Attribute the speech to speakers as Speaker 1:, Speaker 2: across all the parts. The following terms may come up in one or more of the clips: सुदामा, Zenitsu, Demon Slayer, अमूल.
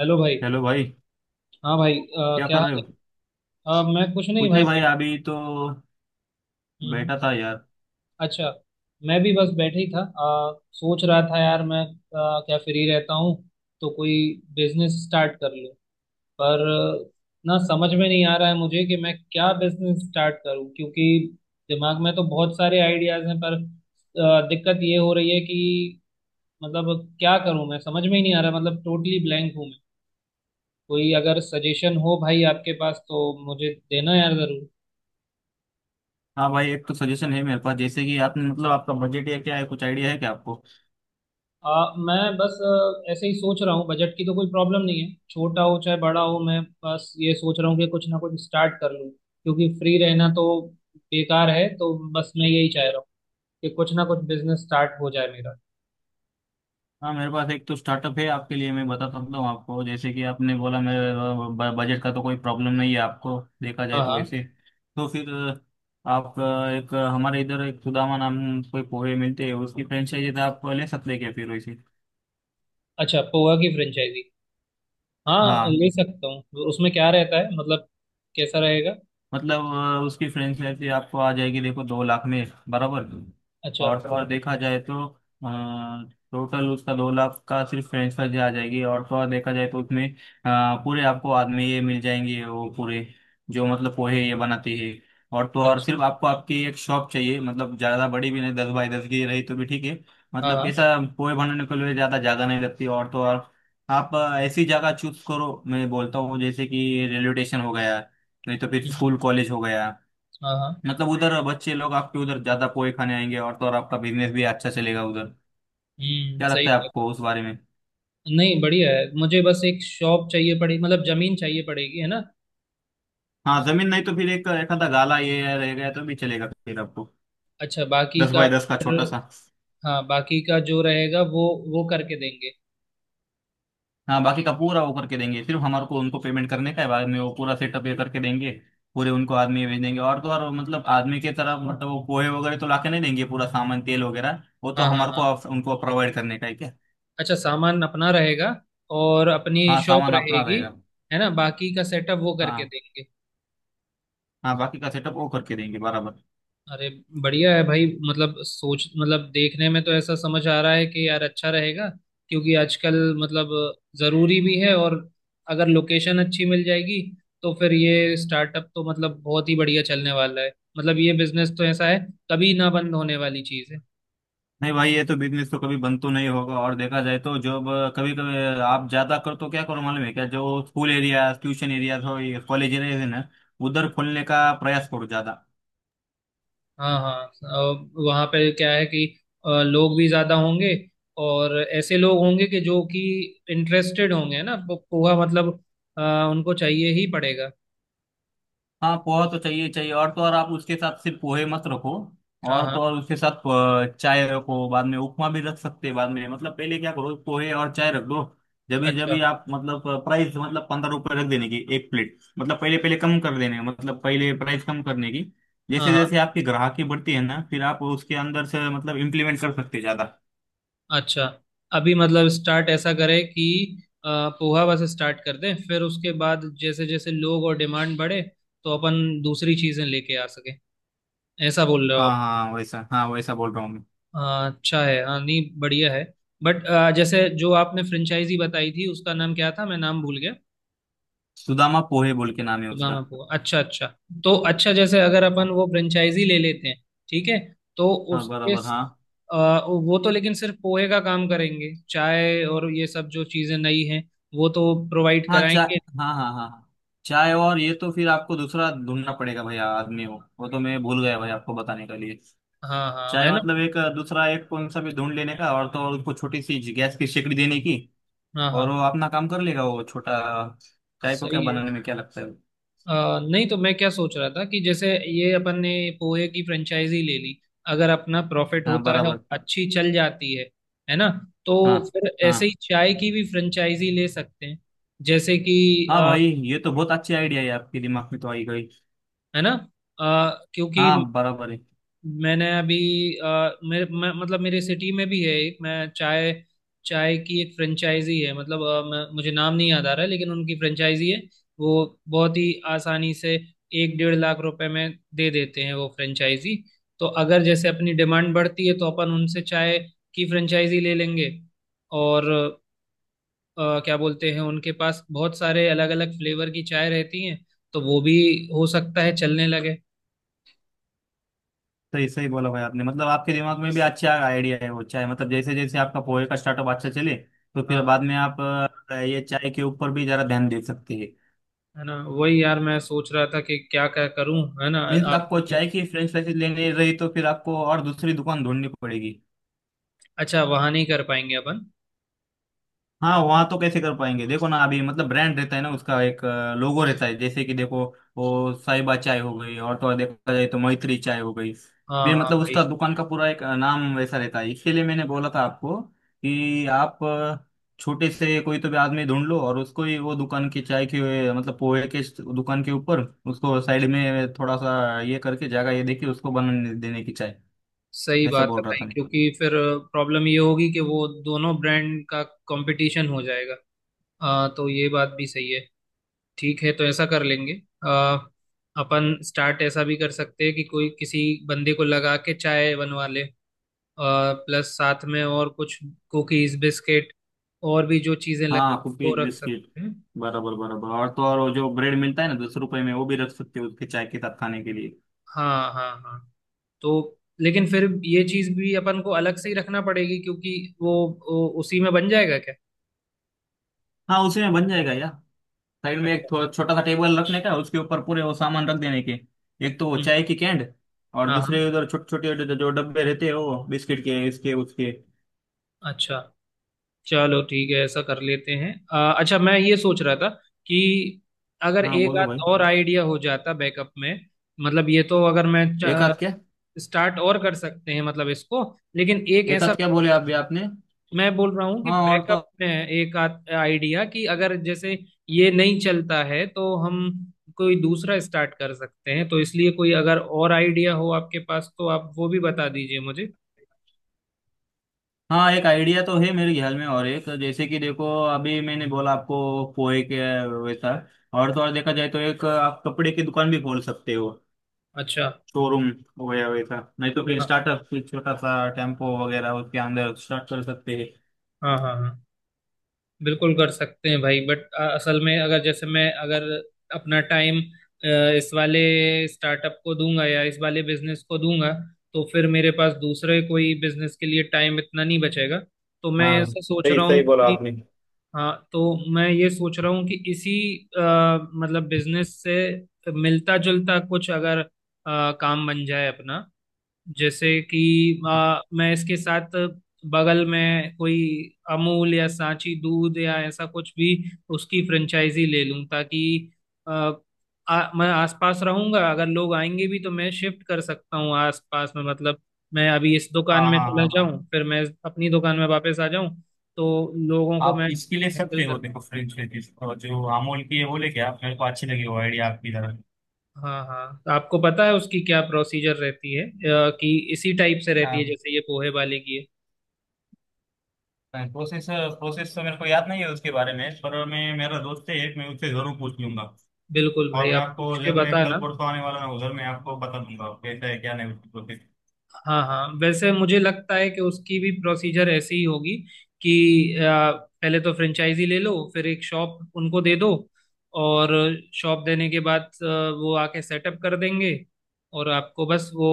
Speaker 1: Hello भाई।
Speaker 2: Hello भाई,
Speaker 1: हाँ भाई,
Speaker 2: क्या
Speaker 1: क्या
Speaker 2: कर रहे
Speaker 1: हाल
Speaker 2: हो।
Speaker 1: है। मैं कुछ नहीं
Speaker 2: कुछ
Speaker 1: भाई,
Speaker 2: नहीं भाई,
Speaker 1: बैठ।
Speaker 2: अभी तो
Speaker 1: हम्म, हम्म।
Speaker 2: बैठा था यार।
Speaker 1: अच्छा। मैं भी बस बैठे ही था, सोच रहा था यार। मैं क्या फ्री रहता हूँ, तो कोई बिजनेस स्टार्ट कर लूँ। पर ना, समझ में नहीं आ रहा है मुझे कि मैं क्या बिजनेस स्टार्ट करूँ, क्योंकि दिमाग में तो बहुत सारे आइडियाज हैं। पर दिक्कत ये हो रही है कि मतलब क्या करूँ, मैं समझ में ही नहीं आ रहा, मतलब टोटली ब्लैंक हूँ मैं। कोई अगर सजेशन हो भाई आपके पास, तो मुझे देना यार जरूर।
Speaker 2: हाँ भाई, एक तो सजेशन है मेरे पास। जैसे कि आपने, मतलब आपका बजट या क्या है? कुछ आइडिया है क्या आपको?
Speaker 1: मैं बस ऐसे ही सोच रहा हूँ। बजट की तो कोई प्रॉब्लम नहीं है, छोटा हो चाहे बड़ा हो। मैं बस ये सोच रहा हूँ कि कुछ ना कुछ स्टार्ट कर लूँ, क्योंकि फ्री रहना तो बेकार है, तो बस मैं यही चाह रहा हूँ कि कुछ ना कुछ बिजनेस स्टार्ट हो जाए मेरा।
Speaker 2: हाँ, मेरे पास एक तो स्टार्टअप है आपके लिए, मैं बता सकता हूँ आपको। जैसे कि आपने बोला मेरे बजट का तो कोई प्रॉब्लम नहीं है आपको, देखा
Speaker 1: हाँ
Speaker 2: जाए तो
Speaker 1: हाँ।
Speaker 2: वैसे। तो फिर आप एक हमारे इधर एक सुदामा नाम कोई पोहे मिलते हैं, उसकी फ्रेंचाइजी आप ले सकते हैं क्या फिर वैसे।
Speaker 1: अच्छा, पोहा की फ्रेंचाइजी। हाँ,
Speaker 2: हाँ
Speaker 1: ले सकता हूँ। उसमें क्या रहता है, मतलब कैसा रहेगा।
Speaker 2: मतलब उसकी फ्रेंचाइजी आपको आ जाएगी देखो, 2 लाख में बराबर।
Speaker 1: अच्छा।
Speaker 2: और तो और देखा जाए तो, टोटल उसका 2 लाख का सिर्फ फ्रेंच फ्राइज आ जाएगी। और तो और देखा जाए तो उसमें पूरे आपको बाद में ये मिल जाएंगे, वो पूरे जो मतलब पोहे ये बनाते हैं। और तो और
Speaker 1: अच्छा।
Speaker 2: सिर्फ आपको आपकी एक शॉप चाहिए, मतलब ज़्यादा बड़ी भी नहीं, 10 बाई 10 की रही तो भी ठीक है।
Speaker 1: हाँ
Speaker 2: मतलब
Speaker 1: हाँ।
Speaker 2: कैसा, पोहे बनाने के लिए ज़्यादा जगह नहीं लगती। और तो और आप ऐसी जगह चूज करो, मैं बोलता हूँ जैसे कि रेलवे स्टेशन हो गया, नहीं तो फिर
Speaker 1: हम्म,
Speaker 2: स्कूल कॉलेज हो गया।
Speaker 1: हाँ हाँ।
Speaker 2: मतलब उधर बच्चे लोग आपके उधर ज्यादा पोहे खाने आएंगे और तो और आपका बिजनेस भी अच्छा चलेगा उधर। क्या
Speaker 1: सही
Speaker 2: लगता है
Speaker 1: बात।
Speaker 2: आपको उस बारे में?
Speaker 1: नहीं, बढ़िया है। मुझे बस एक शॉप चाहिए पड़ेगी, मतलब जमीन चाहिए पड़ेगी, है ना।
Speaker 2: हाँ जमीन, नहीं तो फिर एक एक आधा गाला ये रह गया तो भी चलेगा फिर आपको,
Speaker 1: अच्छा, बाकी
Speaker 2: दस
Speaker 1: का
Speaker 2: बाय दस का
Speaker 1: फिर,
Speaker 2: छोटा सा।
Speaker 1: हाँ बाकी का जो रहेगा वो करके देंगे।
Speaker 2: हाँ बाकी का पूरा वो करके देंगे, सिर्फ हमारे को उनको पेमेंट करने का है। बाद में वो पूरा सेटअप ये करके देंगे, पूरे उनको आदमी भेज देंगे। और तो और मतलब आदमी के तरफ मतलब वो पोहे वगैरह तो लाके नहीं देंगे, पूरा सामान तेल वगैरह वो तो
Speaker 1: हाँ हाँ
Speaker 2: हमारे को
Speaker 1: हाँ।
Speaker 2: उनको प्रोवाइड करने का है क्या।
Speaker 1: अच्छा, सामान अपना रहेगा और अपनी
Speaker 2: हाँ
Speaker 1: शॉप
Speaker 2: सामान अपना
Speaker 1: रहेगी,
Speaker 2: रहेगा।
Speaker 1: है ना, बाकी का सेटअप वो करके
Speaker 2: हाँ
Speaker 1: देंगे।
Speaker 2: हाँ बाकी का सेटअप वो करके देंगे बराबर।
Speaker 1: अरे, बढ़िया है भाई। मतलब सोच, मतलब देखने में तो ऐसा समझ आ रहा है कि यार अच्छा रहेगा, क्योंकि आजकल मतलब ज़रूरी भी है, और अगर लोकेशन अच्छी मिल जाएगी तो फिर ये स्टार्टअप तो मतलब बहुत ही बढ़िया चलने वाला है। मतलब ये बिजनेस तो ऐसा है, कभी ना बंद होने वाली चीज़ है।
Speaker 2: नहीं भाई, ये तो बिजनेस तो कभी बंद तो नहीं होगा। और देखा जाए तो जब कभी कभी आप ज्यादा कर तो क्या करो मालूम है क्या? जो स्कूल एरिया, ट्यूशन एरिया हो, कॉलेज एरिया है ना, उधर खोलने का प्रयास करो ज्यादा।
Speaker 1: हाँ हाँ, वहाँ पे क्या है कि लोग भी ज्यादा होंगे, और ऐसे लोग होंगे कि जो कि इंटरेस्टेड होंगे ना, पोहा मतलब, अ, उनको चाहिए ही पड़ेगा।
Speaker 2: हाँ पोहा तो चाहिए चाहिए। और तो और आप उसके साथ सिर्फ पोहे मत रखो,
Speaker 1: हाँ
Speaker 2: और
Speaker 1: हाँ।
Speaker 2: तो और उसके साथ चाय रखो। बाद में उपमा भी रख सकते हैं बाद में, मतलब पहले क्या करो, पोहे और चाय रख दो। जब
Speaker 1: अच्छा।
Speaker 2: भी आप मतलब प्राइस मतलब 15 रुपए रख देने की एक प्लेट, मतलब पहले पहले कम कर देने, मतलब पहले प्राइस कम करने की।
Speaker 1: हाँ
Speaker 2: जैसे
Speaker 1: हाँ।
Speaker 2: जैसे आपकी ग्राहकी बढ़ती है ना, फिर आप उसके अंदर से मतलब इम्प्लीमेंट कर सकते हैं ज्यादा।
Speaker 1: अच्छा, अभी मतलब स्टार्ट ऐसा करें कि अ, पोहा बस स्टार्ट कर दें, फिर उसके बाद जैसे जैसे लोग और डिमांड बढ़े तो अपन दूसरी चीजें लेके आ सके, ऐसा बोल रहे हो
Speaker 2: हाँ
Speaker 1: आप।
Speaker 2: हाँ वैसा, हाँ वैसा बोल रहा हूँ मैं।
Speaker 1: हाँ अच्छा है, हाँ नहीं बढ़िया है। बट जैसे जो आपने फ्रेंचाइजी बताई थी उसका नाम क्या था, मैं नाम भूल गया।
Speaker 2: सुदामा पोहे बोल के नाम है
Speaker 1: तो नाम
Speaker 2: उसका।
Speaker 1: आपको, अच्छा अच्छा। तो अच्छा, जैसे अगर अपन
Speaker 2: हाँ
Speaker 1: वो फ्रेंचाइजी ले लेते हैं, ठीक है तो
Speaker 2: हाँ,
Speaker 1: उसके
Speaker 2: बराबर हाँ।
Speaker 1: वो तो लेकिन सिर्फ पोहे का काम करेंगे, चाय और ये सब जो चीज़ें नई हैं वो तो प्रोवाइड
Speaker 2: हाँ चाय।
Speaker 1: कराएंगे,
Speaker 2: हाँ हाँ हाँ। चाय और ये तो फिर आपको दूसरा ढूंढना पड़ेगा भैया, आदमी हो वो तो मैं भूल गया भाई आपको बताने के लिए।
Speaker 1: हाँ हाँ,
Speaker 2: चाय
Speaker 1: है ना।
Speaker 2: मतलब एक दूसरा एक कौन सा भी ढूंढ लेने का, और तो और उसको छोटी सी गैस की सिकड़ी देने की।
Speaker 1: हाँ हाँ
Speaker 2: और वो अपना काम कर लेगा वो छोटा, चाय को क्या
Speaker 1: सही है।
Speaker 2: बनाने में क्या लगता है।
Speaker 1: अ नहीं तो मैं क्या सोच रहा था कि जैसे ये अपन ने पोहे की फ्रेंचाइजी ले ली, अगर अपना प्रॉफिट
Speaker 2: हाँ
Speaker 1: होता है और
Speaker 2: बराबर।
Speaker 1: अच्छी चल जाती है ना, तो
Speaker 2: हाँ
Speaker 1: फिर
Speaker 2: हाँ
Speaker 1: ऐसे ही चाय की भी फ्रेंचाइजी ले सकते हैं, जैसे कि
Speaker 2: हाँ
Speaker 1: अ,
Speaker 2: भाई, ये तो बहुत अच्छी आइडिया है आपके दिमाग में तो आई गई।
Speaker 1: है ना। क्योंकि
Speaker 2: हाँ बराबर है।
Speaker 1: मैंने अभी मतलब मेरे सिटी में भी है एक। मैं चाय चाय की एक फ्रेंचाइजी है, मतलब मुझे नाम नहीं याद आ रहा है, लेकिन उनकी फ्रेंचाइजी है। वो बहुत ही आसानी से एक 1.5 लाख रुपए में दे देते हैं वो फ्रेंचाइजी। तो अगर जैसे अपनी डिमांड बढ़ती है तो अपन उनसे चाय की फ्रेंचाइजी ले लेंगे, और क्या बोलते हैं, उनके पास बहुत सारे अलग अलग फ्लेवर की चाय रहती हैं, तो वो भी हो सकता है चलने लगे।
Speaker 2: सही सही बोला भाई आपने, मतलब आपके दिमाग में भी अच्छा आइडिया है वो चाय। मतलब जैसे जैसे आपका पोहे का स्टार्टअप अच्छा चले तो
Speaker 1: हाँ
Speaker 2: फिर बाद
Speaker 1: हाँ,
Speaker 2: में आप ये चाय के ऊपर भी जरा ध्यान दे सकते हैं।
Speaker 1: है ना, वही यार मैं सोच रहा था कि क्या क्या करूं, है ना।
Speaker 2: मीन्स
Speaker 1: आप,
Speaker 2: आपको चाय की फ्रेंच फ्राइज लेनी रही तो फिर आपको और दूसरी दुकान ढूंढनी पड़ेगी।
Speaker 1: अच्छा वहां नहीं कर पाएंगे अपन।
Speaker 2: हाँ वहाँ तो कैसे कर पाएंगे, देखो ना, अभी मतलब ब्रांड रहता है ना उसका एक, लोगो रहता है, जैसे कि देखो, वो साहिबा चाय हो गई और तो और देखा जाए तो मैत्री चाय हो गई
Speaker 1: हाँ
Speaker 2: भी,
Speaker 1: हाँ
Speaker 2: मतलब
Speaker 1: भाई।
Speaker 2: उसका दुकान का पूरा एक नाम वैसा रहता है। इसके लिए मैंने बोला था आपको कि आप छोटे से कोई तो भी आदमी ढूंढ लो और उसको ही वो दुकान की चाय की, मतलब पोहे के दुकान के ऊपर उसको साइड में थोड़ा सा ये करके जगह ये देखिए, उसको बनाने देने की चाय,
Speaker 1: सही
Speaker 2: ऐसा
Speaker 1: बात
Speaker 2: बोल
Speaker 1: है
Speaker 2: रहा
Speaker 1: भाई,
Speaker 2: था मैं।
Speaker 1: क्योंकि फिर प्रॉब्लम ये होगी कि वो दोनों ब्रांड का कंपटीशन हो जाएगा। तो ये बात भी सही है, ठीक है तो ऐसा कर लेंगे। आ, अपन स्टार्ट ऐसा भी कर सकते हैं कि कोई किसी बंदे को लगा के चाय बनवा ले, प्लस साथ में और कुछ कुकीज बिस्किट और भी जो चीजें लग,
Speaker 2: हाँ
Speaker 1: वो
Speaker 2: कुकीज
Speaker 1: रख
Speaker 2: बिस्किट
Speaker 1: सकते हैं।
Speaker 2: बराबर बराबर। और तो और वो जो ब्रेड मिलता है ना 10 रुपए में, वो भी रख सकते हो उसके चाय के साथ खाने के लिए।
Speaker 1: हाँ हाँ हाँ। तो लेकिन फिर ये चीज भी अपन को अलग से ही रखना पड़ेगी, क्योंकि वो उसी में बन जाएगा क्या।
Speaker 2: हाँ उसी में बन जाएगा यार। साइड में एक
Speaker 1: अच्छा।
Speaker 2: थोड़ा छोटा सा टेबल रखने का, उसके ऊपर पूरे वो सामान रख देने के, एक तो वो
Speaker 1: हम्म,
Speaker 2: चाय की कैंड, और
Speaker 1: हाँ
Speaker 2: दूसरे
Speaker 1: हाँ।
Speaker 2: उधर छोटे छोटे जो डब्बे रहते हैं वो बिस्किट के, इसके, उसके।
Speaker 1: अच्छा, चलो ठीक है ऐसा कर लेते हैं। अच्छा, मैं ये सोच रहा था कि अगर
Speaker 2: हाँ
Speaker 1: एक
Speaker 2: बोलो
Speaker 1: आध
Speaker 2: भाई।
Speaker 1: और आइडिया हो जाता बैकअप में, मतलब ये तो अगर मैं
Speaker 2: एक आध क्या?
Speaker 1: स्टार्ट और कर सकते हैं मतलब इसको, लेकिन एक
Speaker 2: एक
Speaker 1: ऐसा,
Speaker 2: आध क्या बोले आप भी आपने?
Speaker 1: मैं बोल रहा हूँ कि
Speaker 2: हाँ और तो।
Speaker 1: बैकअप में एक आइडिया, कि अगर जैसे ये नहीं चलता है तो हम कोई दूसरा स्टार्ट कर सकते हैं, तो इसलिए कोई अगर और आइडिया हो आपके पास तो आप वो भी बता दीजिए मुझे।
Speaker 2: हाँ एक आइडिया तो है मेरे ख्याल में, और एक जैसे कि देखो, अभी मैंने बोला आपको पोहे के वैसा, और तो और देखा जाए तो एक आप कपड़े की दुकान भी खोल सकते हो,
Speaker 1: अच्छा।
Speaker 2: शोरूम वगैरह वैसा। नहीं तो फिर
Speaker 1: हाँ
Speaker 2: स्टार्टअप फिर छोटा सा टेम्पो वगैरह, उसके अंदर स्टार्ट कर सकते हैं।
Speaker 1: हाँ हाँ हाँ। बिल्कुल कर सकते हैं भाई, बट असल में अगर जैसे मैं अगर अपना टाइम इस वाले स्टार्टअप को दूंगा या इस वाले बिजनेस को दूंगा, तो फिर मेरे पास दूसरे कोई बिजनेस के लिए टाइम इतना नहीं बचेगा, तो मैं
Speaker 2: हाँ
Speaker 1: ऐसा सोच
Speaker 2: सही
Speaker 1: रहा
Speaker 2: सही
Speaker 1: हूँ
Speaker 2: बोला
Speaker 1: कि।
Speaker 2: आपने।
Speaker 1: हाँ, तो मैं ये सोच रहा हूँ कि इसी अ, मतलब बिजनेस से मिलता जुलता कुछ अगर काम बन जाए अपना, जैसे कि मैं इसके साथ बगल में कोई अमूल या सांची दूध या ऐसा कुछ भी उसकी फ्रेंचाइजी ले लूं, ताकि आ, आ, मैं आसपास रहूंगा। अगर लोग आएंगे भी तो मैं शिफ्ट कर सकता हूँ आसपास में, मतलब मैं अभी इस दुकान
Speaker 2: हाँ
Speaker 1: में
Speaker 2: हाँ
Speaker 1: चला
Speaker 2: हाँ हाँ।
Speaker 1: जाऊं फिर मैं अपनी दुकान में वापस आ जाऊं, तो लोगों को
Speaker 2: आप
Speaker 1: मैं
Speaker 2: इसके लिए
Speaker 1: हैंडल
Speaker 2: सकते
Speaker 1: कर
Speaker 2: हो देखो
Speaker 1: पाऊं।
Speaker 2: फ्रेंच लेडीज जो अमूल की है वो लेके आप, मेरे को अच्छी लगी वो आइडिया आपकी तरह।
Speaker 1: हाँ हाँ, तो आपको पता है उसकी क्या प्रोसीजर रहती है, कि इसी टाइप से रहती
Speaker 2: हाँ।
Speaker 1: है जैसे ये पोहे वाले की है।
Speaker 2: प्रोसेस प्रोसेस तो मेरे को याद नहीं है उसके बारे में, पर मैं, मेरा दोस्त है एक, मैं उससे जरूर पूछ लूंगा।
Speaker 1: बिल्कुल
Speaker 2: और
Speaker 1: भाई
Speaker 2: मैं
Speaker 1: आप
Speaker 2: आपको
Speaker 1: पूछ के
Speaker 2: जब मैं कल
Speaker 1: बताना।
Speaker 2: परसों आने वाला हूँ उधर, मैं आपको बता दूंगा कैसा है क्या नहीं उसकी प्रोसेस।
Speaker 1: हाँ हाँ, वैसे मुझे लगता है कि उसकी भी प्रोसीजर ऐसी ही होगी कि पहले तो फ्रेंचाइजी ले लो, फिर एक शॉप उनको दे दो, और शॉप देने के बाद वो आके सेटअप कर देंगे, और आपको बस वो,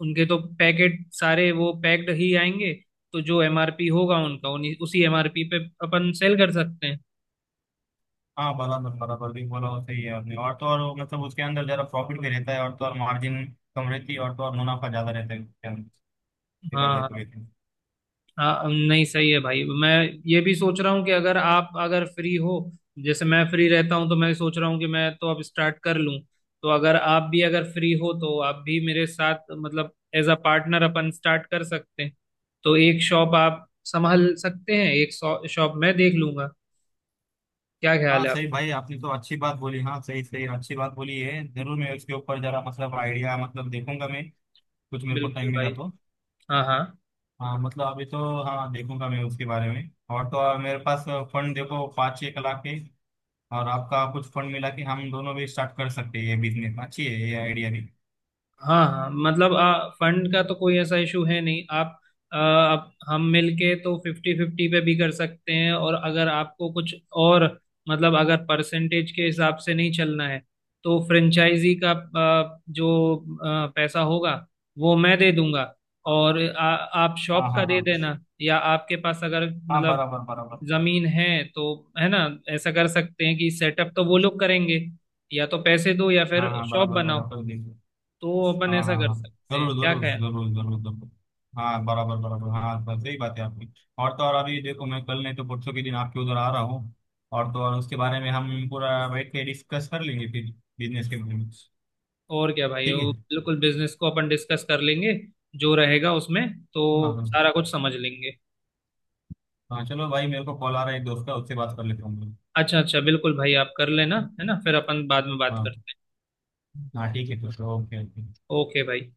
Speaker 1: उनके तो पैकेट सारे वो पैक्ड ही आएंगे, तो जो एमआरपी होगा उनका उन्हीं उसी एमआरपी पे अपन सेल कर सकते हैं।
Speaker 2: हाँ बराबर बराबर भी बोला हो, सही है आपने। और तो और मतलब उसके अंदर जरा प्रॉफिट भी रहता है, और तो और मार्जिन कम रहती है, और तो और मुनाफा ज्यादा रहता है उसके अंदर देखा
Speaker 1: हाँ
Speaker 2: जाए तो
Speaker 1: हाँ।
Speaker 2: वैसे।
Speaker 1: हाँ नहीं सही है भाई। मैं ये भी सोच रहा हूँ कि अगर आप अगर फ्री हो, जैसे मैं फ्री रहता हूँ तो मैं सोच रहा हूँ कि मैं तो अब स्टार्ट कर लूँ, तो अगर आप भी अगर फ्री हो तो आप भी मेरे साथ, मतलब एज अ पार्टनर, अपन स्टार्ट कर सकते हैं। तो एक शॉप आप संभाल सकते हैं, एक शॉप मैं देख लूंगा, क्या
Speaker 2: हाँ
Speaker 1: ख्याल है
Speaker 2: सही
Speaker 1: आपका।
Speaker 2: भाई आपने तो अच्छी बात बोली। हाँ सही सही अच्छी बात बोली है जरूर। मैं उसके ऊपर जरा मतलब आइडिया मतलब देखूंगा मैं, कुछ मेरे को
Speaker 1: बिल्कुल
Speaker 2: टाइम मिला
Speaker 1: भाई।
Speaker 2: तो।
Speaker 1: हाँ हाँ
Speaker 2: हाँ मतलब अभी तो, हाँ देखूंगा मैं उसके बारे में। और तो और मेरे पास फंड देखो 5-6 लाख के, और आपका कुछ फंड मिला के हम दोनों भी स्टार्ट कर सकते हैं ये बिजनेस। अच्छी है ये आइडिया भी।
Speaker 1: हाँ हाँ, मतलब फंड का तो कोई ऐसा इशू है नहीं। आप, आप हम मिलके तो फिफ्टी फिफ्टी पे भी कर सकते हैं, और अगर आपको कुछ और मतलब अगर परसेंटेज के हिसाब से नहीं चलना है, तो फ्रेंचाइजी का जो पैसा होगा वो मैं दे दूंगा, और आप
Speaker 2: हाँ
Speaker 1: शॉप का
Speaker 2: हाँ
Speaker 1: दे
Speaker 2: हाँ
Speaker 1: देना, या आपके पास अगर
Speaker 2: हाँ
Speaker 1: मतलब
Speaker 2: बराबर बराबर।
Speaker 1: जमीन है, तो है ना, ऐसा कर सकते हैं कि सेटअप तो वो लोग करेंगे, या तो पैसे दो या फिर
Speaker 2: हाँ हाँ
Speaker 1: शॉप
Speaker 2: बराबर
Speaker 1: बनाओ,
Speaker 2: बराबर देखो।
Speaker 1: तो अपन
Speaker 2: हाँ
Speaker 1: ऐसा
Speaker 2: हाँ
Speaker 1: कर
Speaker 2: हाँ
Speaker 1: सकते हैं,
Speaker 2: जरूर
Speaker 1: क्या
Speaker 2: जरूर
Speaker 1: ख्याल।
Speaker 2: जरूर जरूर जरूर। हाँ बराबर बराबर हाँ, बस सही बात है आपकी। और तो और अभी देखो मैं कल नहीं तो परसों के दिन आपके उधर आ रहा हूँ, और तो और उसके बारे में हम पूरा बैठ के डिस्कस कर लेंगे फिर बिजनेस के बारे में।
Speaker 1: और क्या भाई,
Speaker 2: ठीक
Speaker 1: वो
Speaker 2: है।
Speaker 1: बिल्कुल बिजनेस को अपन डिस्कस कर लेंगे, जो रहेगा उसमें तो
Speaker 2: हाँ हाँ हाँ
Speaker 1: सारा कुछ समझ लेंगे।
Speaker 2: हाँ, चलो भाई मेरे को कॉल आ रहा है एक दोस्त का, उससे बात कर लेता हूँ मैं।
Speaker 1: अच्छा अच्छा बिल्कुल भाई, आप कर लेना, है ना, फिर अपन बाद में बात
Speaker 2: हाँ
Speaker 1: करते हैं।
Speaker 2: हाँ ठीक है तो। Okay okay.
Speaker 1: ओके भाई।